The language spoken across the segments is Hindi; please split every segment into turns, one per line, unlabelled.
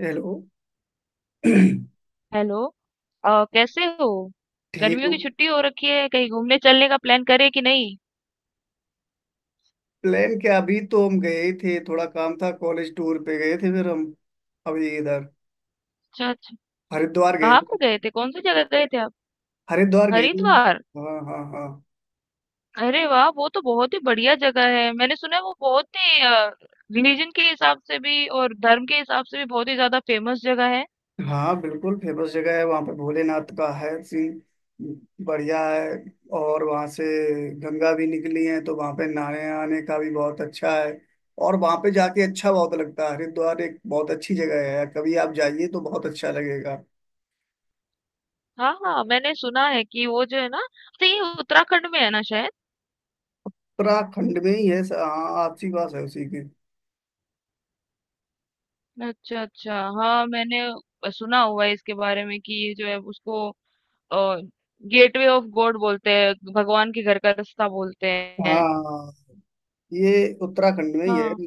हेलो।
हेलो। कैसे हो?
ठीक
गर्मियों
हूँ।
की छुट्टी हो रखी है, कहीं घूमने चलने का प्लान करे कि नहीं?
प्लान क्या, अभी तो हम गए ही थे। थोड़ा काम था, कॉलेज टूर पे गए थे फिर हम अभी इधर
अच्छा, अच्छा।
हरिद्वार गए
कहाँ
थे।
पर गए थे, कौन सी जगह गए थे आप?
हरिद्वार गए थे।
हरिद्वार।
हाँ हाँ हाँ।
अरे वाह, वो तो बहुत ही बढ़िया जगह है, मैंने सुना है वो बहुत ही रिलीजन के हिसाब से भी और धर्म के हिसाब से भी बहुत ही ज्यादा फेमस जगह है।
हाँ बिल्कुल फेमस जगह है, वहाँ पे भोलेनाथ का है सीन। बढ़िया है। और वहाँ से गंगा भी निकली है तो वहाँ पे नहाने आने का भी बहुत अच्छा है। और वहाँ पे जाके अच्छा बहुत लगता है। हरिद्वार एक बहुत अच्छी जगह है, कभी आप जाइए तो बहुत अच्छा लगेगा।
हाँ हाँ, मैंने सुना है कि वो जो है ना, तो ये उत्तराखंड में है ना शायद।
उत्तराखंड में ही है। हाँ आपसी बात है उसी की।
अच्छा अच्छा, हाँ मैंने सुना हुआ है इसके बारे में कि ये जो है उसको और गेटवे ऑफ गॉड बोलते हैं, भगवान के घर का रास्ता बोलते हैं।
हाँ, ये उत्तराखंड में ही है,
हाँ,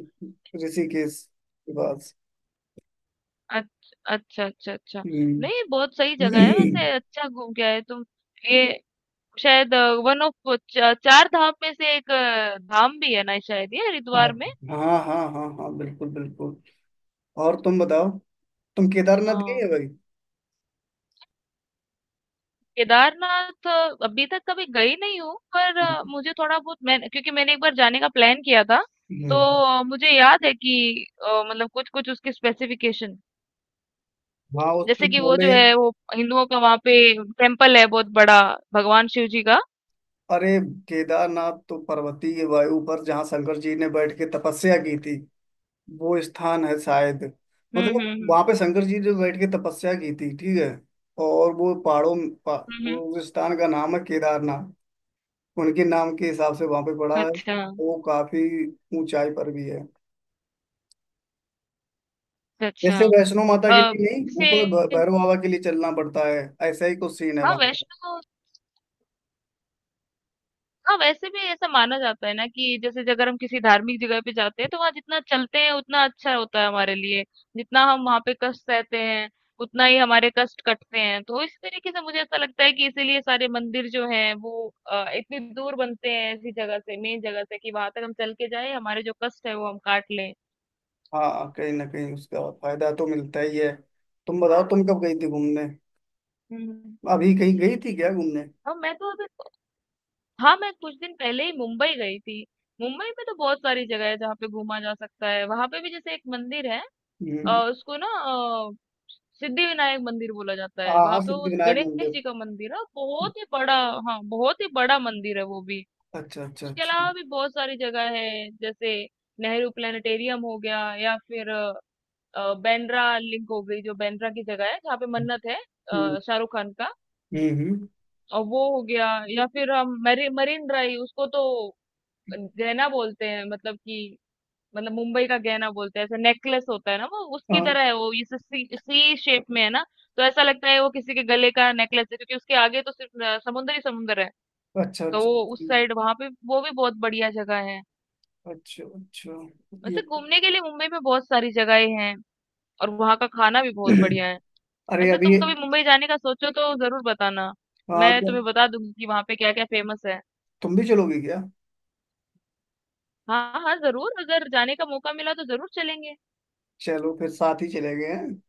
ऋषिकेश के पास।
अच्छा, अच्छा, अच्छा।
हम्म।
नहीं, ये बहुत सही जगह है वैसे, अच्छा घूम के आए तुम। ये शायद वन ऑफ च 4 धाम में से एक धाम भी है ना शायद, ये
हाँ
हरिद्वार में?
हाँ हाँ हाँ, हाँ, बिल्कुल बिल्कुल। और तुम बताओ, तुम केदारनाथ गए
हाँ।
हो भाई?
केदारनाथ अभी तक कभी गई नहीं हूँ, पर मुझे थोड़ा बहुत, मैंने क्योंकि मैंने एक बार जाने का प्लान किया था, तो
हम्म।
मुझे याद है कि मतलब कुछ-कुछ उसके स्पेसिफिकेशन,
हाँ उसके
जैसे कि वो जो
थोड़े।
है वो हिंदुओं का वहां पे टेम्पल है बहुत बड़ा, भगवान शिव जी का।
अरे केदारनाथ तो पर्वतीय वायु पर जहाँ शंकर जी ने बैठ के तपस्या की थी, वो स्थान है शायद। मतलब
हम्म।
वहां पे शंकर जी ने बैठ के तपस्या की थी, ठीक है। और वो
हम्म, हम्म।
उस स्थान का नाम है केदारनाथ। उनके नाम के हिसाब से वहां पे पड़ा है।
अच्छा
वो काफी ऊंचाई पर भी है।
अच्छा
जैसे वैष्णो माता के
अच्छा।
लिए नहीं, ऊपर
जैसे।
भैरव बाबा के लिए चलना पड़ता है। ऐसा ही कुछ सीन है
हाँ
वहां का।
वैष्णो। हाँ, वैसे भी ऐसा माना जाता है ना कि जैसे कि अगर हम किसी धार्मिक जगह पे जाते हैं तो वहाँ जितना चलते हैं उतना अच्छा होता है हमारे लिए, जितना हम वहाँ पे कष्ट सहते हैं उतना ही हमारे कष्ट कटते हैं। तो इस तरीके से मुझे ऐसा लगता है कि इसीलिए सारे मंदिर जो हैं वो इतनी दूर बनते हैं ऐसी जगह से, मेन जगह से, कि वहां तक हम चल के जाए, हमारे जो कष्ट है वो हम काट लें।
हाँ कहीं ना कहीं उसका फायदा तो मिलता ही है। तुम बताओ, तुम कब गई थी घूमने?
हम्म।
अभी कहीं गई थी क्या घूमने?
हाँ मैं तो अभी, हाँ मैं कुछ दिन पहले ही मुंबई गई थी। मुंबई में तो बहुत सारी जगह है जहाँ पे घूमा जा सकता है। वहां पे भी जैसे एक मंदिर है,
हम्म।
उसको ना सिद्धिविनायक मंदिर बोला जाता है,
हाँ
वहां
हाँ,
पे उस
सिद्धिविनायक
गणेश
मंदिर।
जी का मंदिर है बहुत ही बड़ा। हाँ, बहुत ही बड़ा मंदिर है वो भी।
अच्छा अच्छा
उसके
अच्छा।
अलावा भी बहुत सारी जगह है, जैसे नेहरू प्लानिटेरियम हो गया, या फिर बांद्रा लिंक हो गई, जो बांद्रा की जगह है जहाँ पे मन्नत है
हम्म
शाहरुख खान का।
हम्म हम्म।
और वो हो गया, या फिर हम मरीन ड्राइव, उसको तो जैना बोलते हैं, मतलब कि मतलब मुंबई का गहना बोलते हैं। ऐसा नेकलेस होता है ना, वो उसकी
हाँ।
तरह है, वो इस सी शेप में है ना। तो ऐसा लगता है वो किसी के गले का नेकलेस है, क्योंकि उसके आगे तो सिर्फ समुंदर ही समुंदर है।
अच्छा
तो
अच्छा
वो
अच्छा।
उस साइड, वहां पे वो भी बहुत बढ़िया जगह है।
अच्छा अच्छा। ये
वैसे घूमने के लिए मुंबई में बहुत सारी जगहें हैं और वहां का खाना भी बहुत बढ़िया है।
अरे
वैसे
अभी।
तुम कभी मुंबई जाने का सोचो तो जरूर बताना,
हाँ
मैं
क्या,
तुम्हें बता दूंगी कि वहां पे क्या क्या फेमस है।
तुम भी चलोगे क्या?
हाँ हाँ जरूर, अगर जाने का मौका मिला तो जरूर चलेंगे।
चलो फिर साथ ही चले गए हैं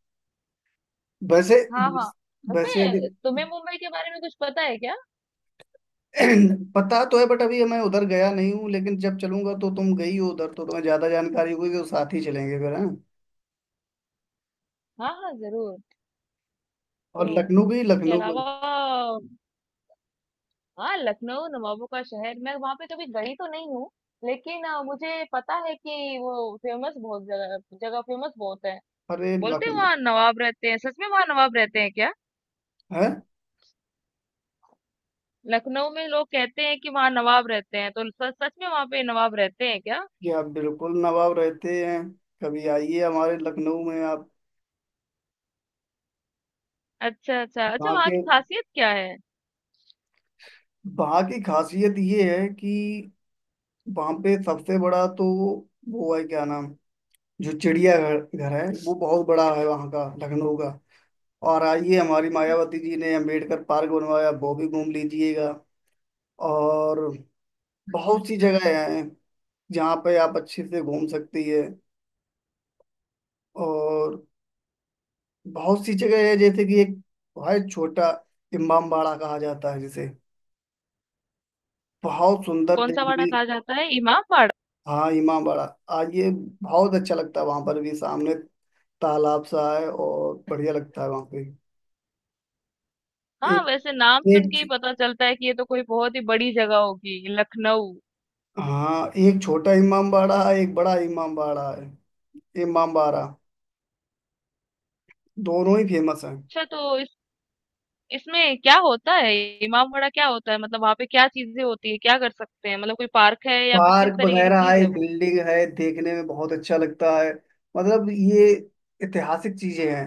वैसे।
हाँ हाँ।
वैसे अभी
वैसे तुम्हें मुंबई के बारे में कुछ पता है क्या?
पता तो है बट अभी मैं उधर गया नहीं हूँ, लेकिन जब चलूंगा तो तुम गई हो उधर तो तुम्हें ज्यादा जानकारी होगी, तो साथ ही चलेंगे फिर हैं।
हाँ हाँ जरूर।
और
तो उसके अलावा, हाँ लखनऊ नवाबों का शहर, मैं वहां पे कभी गई तो नहीं हूँ, लेकिन मुझे पता है कि वो फेमस बहुत जगह जगह फेमस बहुत है।
अरे
बोलते हैं
लखनऊ
वहाँ नवाब रहते हैं, सच में वहाँ नवाब रहते हैं क्या?
है
लखनऊ में लोग कहते हैं कि वहाँ नवाब रहते हैं, तो सच सच में वहाँ पे नवाब रहते हैं क्या?
जी, आप बिल्कुल नवाब रहते हैं। कभी आइए हमारे लखनऊ में आप।
अच्छा अच्छा अच्छा।
वहाँ
वहाँ की
के
खासियत क्या है?
वहाँ की खासियत ये है कि वहाँ पे सबसे बड़ा तो वो है क्या नाम, जो चिड़ियाघर घर है वो बहुत बड़ा है वहाँ का, लखनऊ का। और आइए, हमारी
हम्म,
मायावती जी ने अम्बेडकर पार्क बनवाया, वो भी घूम लीजिएगा। और
अच्छा
बहुत सी
अच्छा।
जगह हैं जहाँ पे आप अच्छे से घूम सकती है। और बहुत सी जगह है, जैसे कि एक बहुत छोटा इमामबाड़ा कहा जाता है जिसे, बहुत सुंदर
कौन सा वाड़ा
देखने।
कहा जाता है, इमामबाड़ा?
हाँ इमामबाड़ा, आइए बहुत अच्छा लगता है वहां पर भी, सामने तालाब सा है और बढ़िया लगता है वहां पे।
हाँ,
एक
वैसे नाम सुन के ही
एक
पता चलता है कि ये तो कोई बहुत ही बड़ी जगह होगी लखनऊ।
हाँ, एक छोटा इमामबाड़ा है, एक बड़ा इमामबाड़ा है। इमामबाड़ा दोनों ही फेमस हैं।
अच्छा तो इस, इसमें क्या होता है? इमामबाड़ा क्या होता है? मतलब वहां पे क्या चीजें होती है, क्या कर सकते हैं? मतलब कोई पार्क है या फिर किस
पार्क
तरीके की
वगैरह
चीज
है,
है वो?
बिल्डिंग है, देखने में बहुत अच्छा लगता है। मतलब ये ऐतिहासिक चीजें हैं।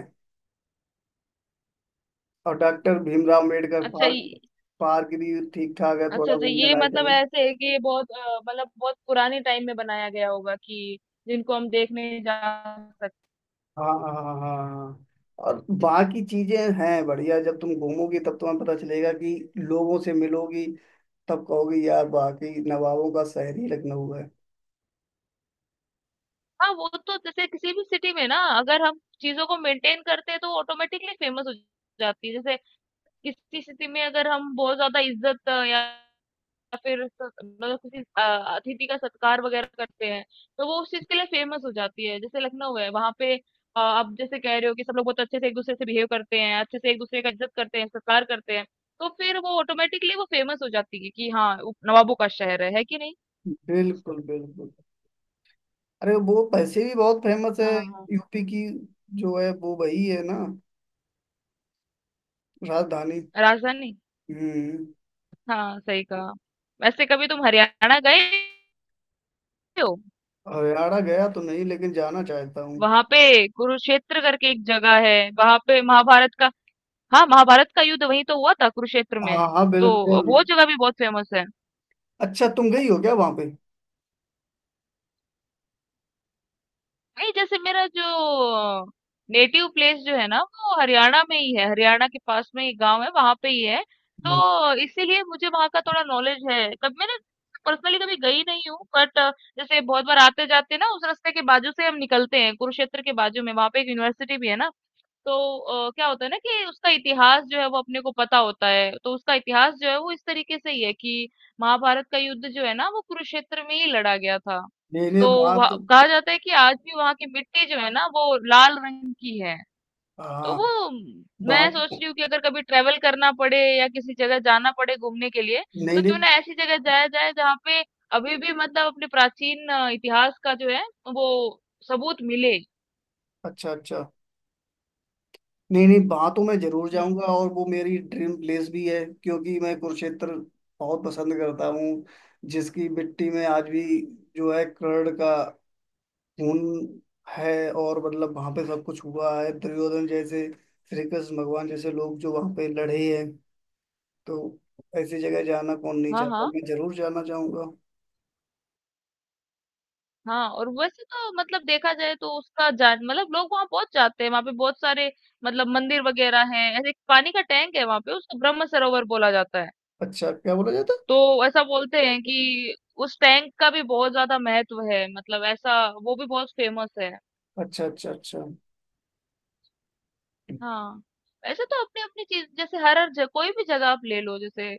और डॉक्टर भीमराव अम्बेडकर
अच्छा,
पार्क,
ये-
पार्क भी ठीक ठाक है, थोड़ा
अच्छा, तो
घूमने
ये
लायक
मतलब
है।
ऐसे है कि ये बहुत मतलब बहुत पुराने टाइम में बनाया गया होगा कि जिनको हम देखने जा सकते।
हाँ हाँ हाँ हाँ। और वहाँ की चीजें हैं बढ़िया, जब तुम घूमोगी तब तुम्हें पता चलेगा, कि लोगों से मिलोगी तब कहोगे यार वाकई नवाबों का शहर ही लखनऊ है।
हाँ, वो तो जैसे किसी भी सिटी में ना, अगर हम चीजों को मेंटेन करते हैं तो ऑटोमेटिकली फेमस हो जाती है। जैसे किसी स्थिति में अगर हम बहुत ज़्यादा इज़्ज़त या फिर स मतलब किसी अतिथि का सत्कार वग़ैरह करते हैं, तो वो उस चीज़ के लिए फ़ेमस हो जाती है। जैसे लखनऊ है, वहाँ पे आप जैसे कह रहे हो कि सब लोग बहुत अच्छे से एक-दूसरे से बिहेव करते हैं, अच्छे से एक-दूसरे का इज़्ज़त करते हैं, सत्कार करते हैं, तो फिर वो ऑटोमेटिकली वो फ़ेमस हो जाती है कि हाँ, वो नवाबों का शहर है कि नहीं?
बिल्कुल बिल्कुल। अरे वो पैसे भी बहुत फेमस है।
हाँ, हाँ।
यूपी की जो है वो वही है ना, राजधानी।
राजधानी।
हम्म।
हाँ, सही कहा। वैसे कभी तुम हरियाणा गए हो?
हरियाणा गया तो नहीं लेकिन जाना चाहता हूँ।
वहाँ पे कुरुक्षेत्र करके एक जगह है, वहाँ पे महाभारत का, हाँ, महाभारत का युद्ध वहीं तो हुआ था कुरुक्षेत्र में,
हाँ हाँ
तो
बिल्कुल।
वो जगह भी बहुत फेमस है।
अच्छा तुम गई हो क्या वहां पे?
नहीं, जैसे मेरा जो नेटिव प्लेस जो है ना वो हरियाणा में ही है, हरियाणा के पास में ही गांव है, वहां पे ही है।
हम्म।
तो इसीलिए मुझे वहां का थोड़ा नॉलेज है। कभी मैंने पर्सनली कभी गई नहीं हूँ, बट जैसे बहुत बार आते जाते ना, उस रास्ते के बाजू से हम निकलते हैं, कुरुक्षेत्र के बाजू में वहां पे एक यूनिवर्सिटी भी है ना, तो क्या होता है ना कि उसका इतिहास जो है वो अपने को पता होता है। तो उसका इतिहास जो है वो इस तरीके से ही है कि महाभारत का युद्ध जो है ना, वो कुरुक्षेत्र में ही लड़ा गया था।
नहीं नहीं
तो
बात,
वहाँ- कहा जाता है कि आज भी वहां की मिट्टी जो है ना वो लाल रंग की है। तो
हाँ
वो मैं सोच
बात,
रही हूँ कि अगर कभी ट्रेवल करना पड़े या किसी जगह जाना पड़े घूमने के लिए,
नहीं
तो क्यों
नहीं।
ना ऐसी जगह जाया जाए जहाँ पे अभी भी मतलब अपने प्राचीन इतिहास का जो है वो सबूत मिले।
अच्छा अच्छा। नहीं नहीं, बातों में जरूर जाऊंगा
हम्म।
और वो मेरी ड्रीम प्लेस भी है, क्योंकि मैं कुरुक्षेत्र बहुत पसंद करता हूँ। जिसकी मिट्टी में आज भी जो है कर्ण का खून है। और मतलब वहां पे सब कुछ हुआ है, दुर्योधन जैसे, श्री कृष्ण भगवान जैसे लोग जो वहां पे लड़े हैं। तो ऐसी जगह जाना कौन नहीं
हाँ
चाहता,
हाँ
मैं जरूर जाना चाहूंगा।
हाँ। और वैसे तो मतलब देखा जाए तो उसका जान मतलब लोग वहां बहुत जाते हैं। वहां पे बहुत सारे मतलब मंदिर वगैरह हैं, ऐसे एक पानी का टैंक है वहां पे, उसको ब्रह्म सरोवर बोला जाता है।
अच्छा क्या बोला जाता
तो ऐसा बोलते हैं कि उस टैंक का भी बहुत ज्यादा महत्व है, मतलब ऐसा, वो भी बहुत फेमस है।
है? अच्छा अच्छा अच्छा।
हाँ। ऐसे तो अपनी अपनी चीज, जैसे हर हर जगह, कोई भी जगह आप ले लो, जैसे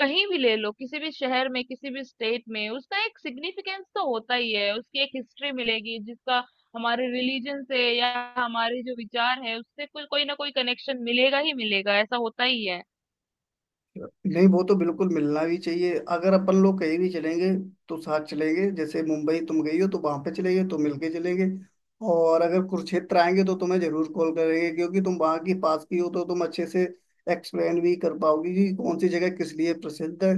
कहीं भी ले लो, किसी भी शहर में, किसी भी स्टेट में, उसका एक सिग्निफिकेंस तो होता ही है, उसकी एक हिस्ट्री मिलेगी जिसका हमारे रिलीजन से या हमारे जो विचार है उससे कोई कोई ना कोई कनेक्शन मिलेगा ही मिलेगा, ऐसा होता ही है।
नहीं वो तो बिल्कुल मिलना भी चाहिए। अगर अपन लोग कहीं भी चलेंगे तो साथ चलेंगे, जैसे मुंबई तुम गई हो तो वहां पे चलेंगे तो मिलके चलेंगे। और अगर कुरुक्षेत्र आएंगे तो तुम्हें जरूर कॉल करेंगे, क्योंकि तुम वहां की पास की हो तो तुम अच्छे से एक्सप्लेन भी कर पाओगी कि कौन सी जगह किस लिए प्रसिद्ध है।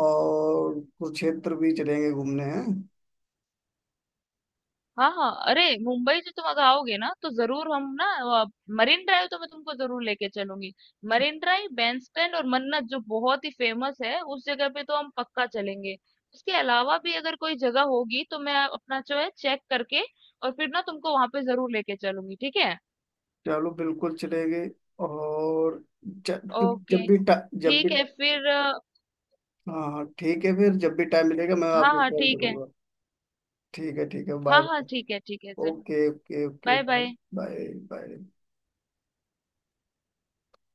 और कुरुक्षेत्र भी चलेंगे घूमने हैं।
हाँ हाँ, अरे मुंबई से तुम अगर आओगे ना, तो जरूर हम ना मरीन ड्राइव तो मैं तुमको जरूर लेके चलूंगी। मरीन ड्राइव, बैंड स्टैंड और मन्नत जो बहुत ही फेमस है, उस जगह पे तो हम पक्का चलेंगे। उसके अलावा भी अगर कोई जगह होगी तो मैं अपना जो है चेक करके और फिर ना तुमको वहां पे जरूर लेके चलूंगी, ठीक है?
चलो बिल्कुल चलेंगे। और जब जब
ओके,
भी टा- जब भी
ठीक है फिर।
हाँ हाँ, ठीक है फिर, जब भी टाइम मिलेगा मैं
हाँ
आपको
हाँ
कॉल
ठीक है।
करूंगा। ठीक है ठीक है, बाय
हाँ हाँ
बाय।
ठीक है, ठीक है जरूर।
Okay okay okay,
bye
bye.
Bye.
Bye. Bye.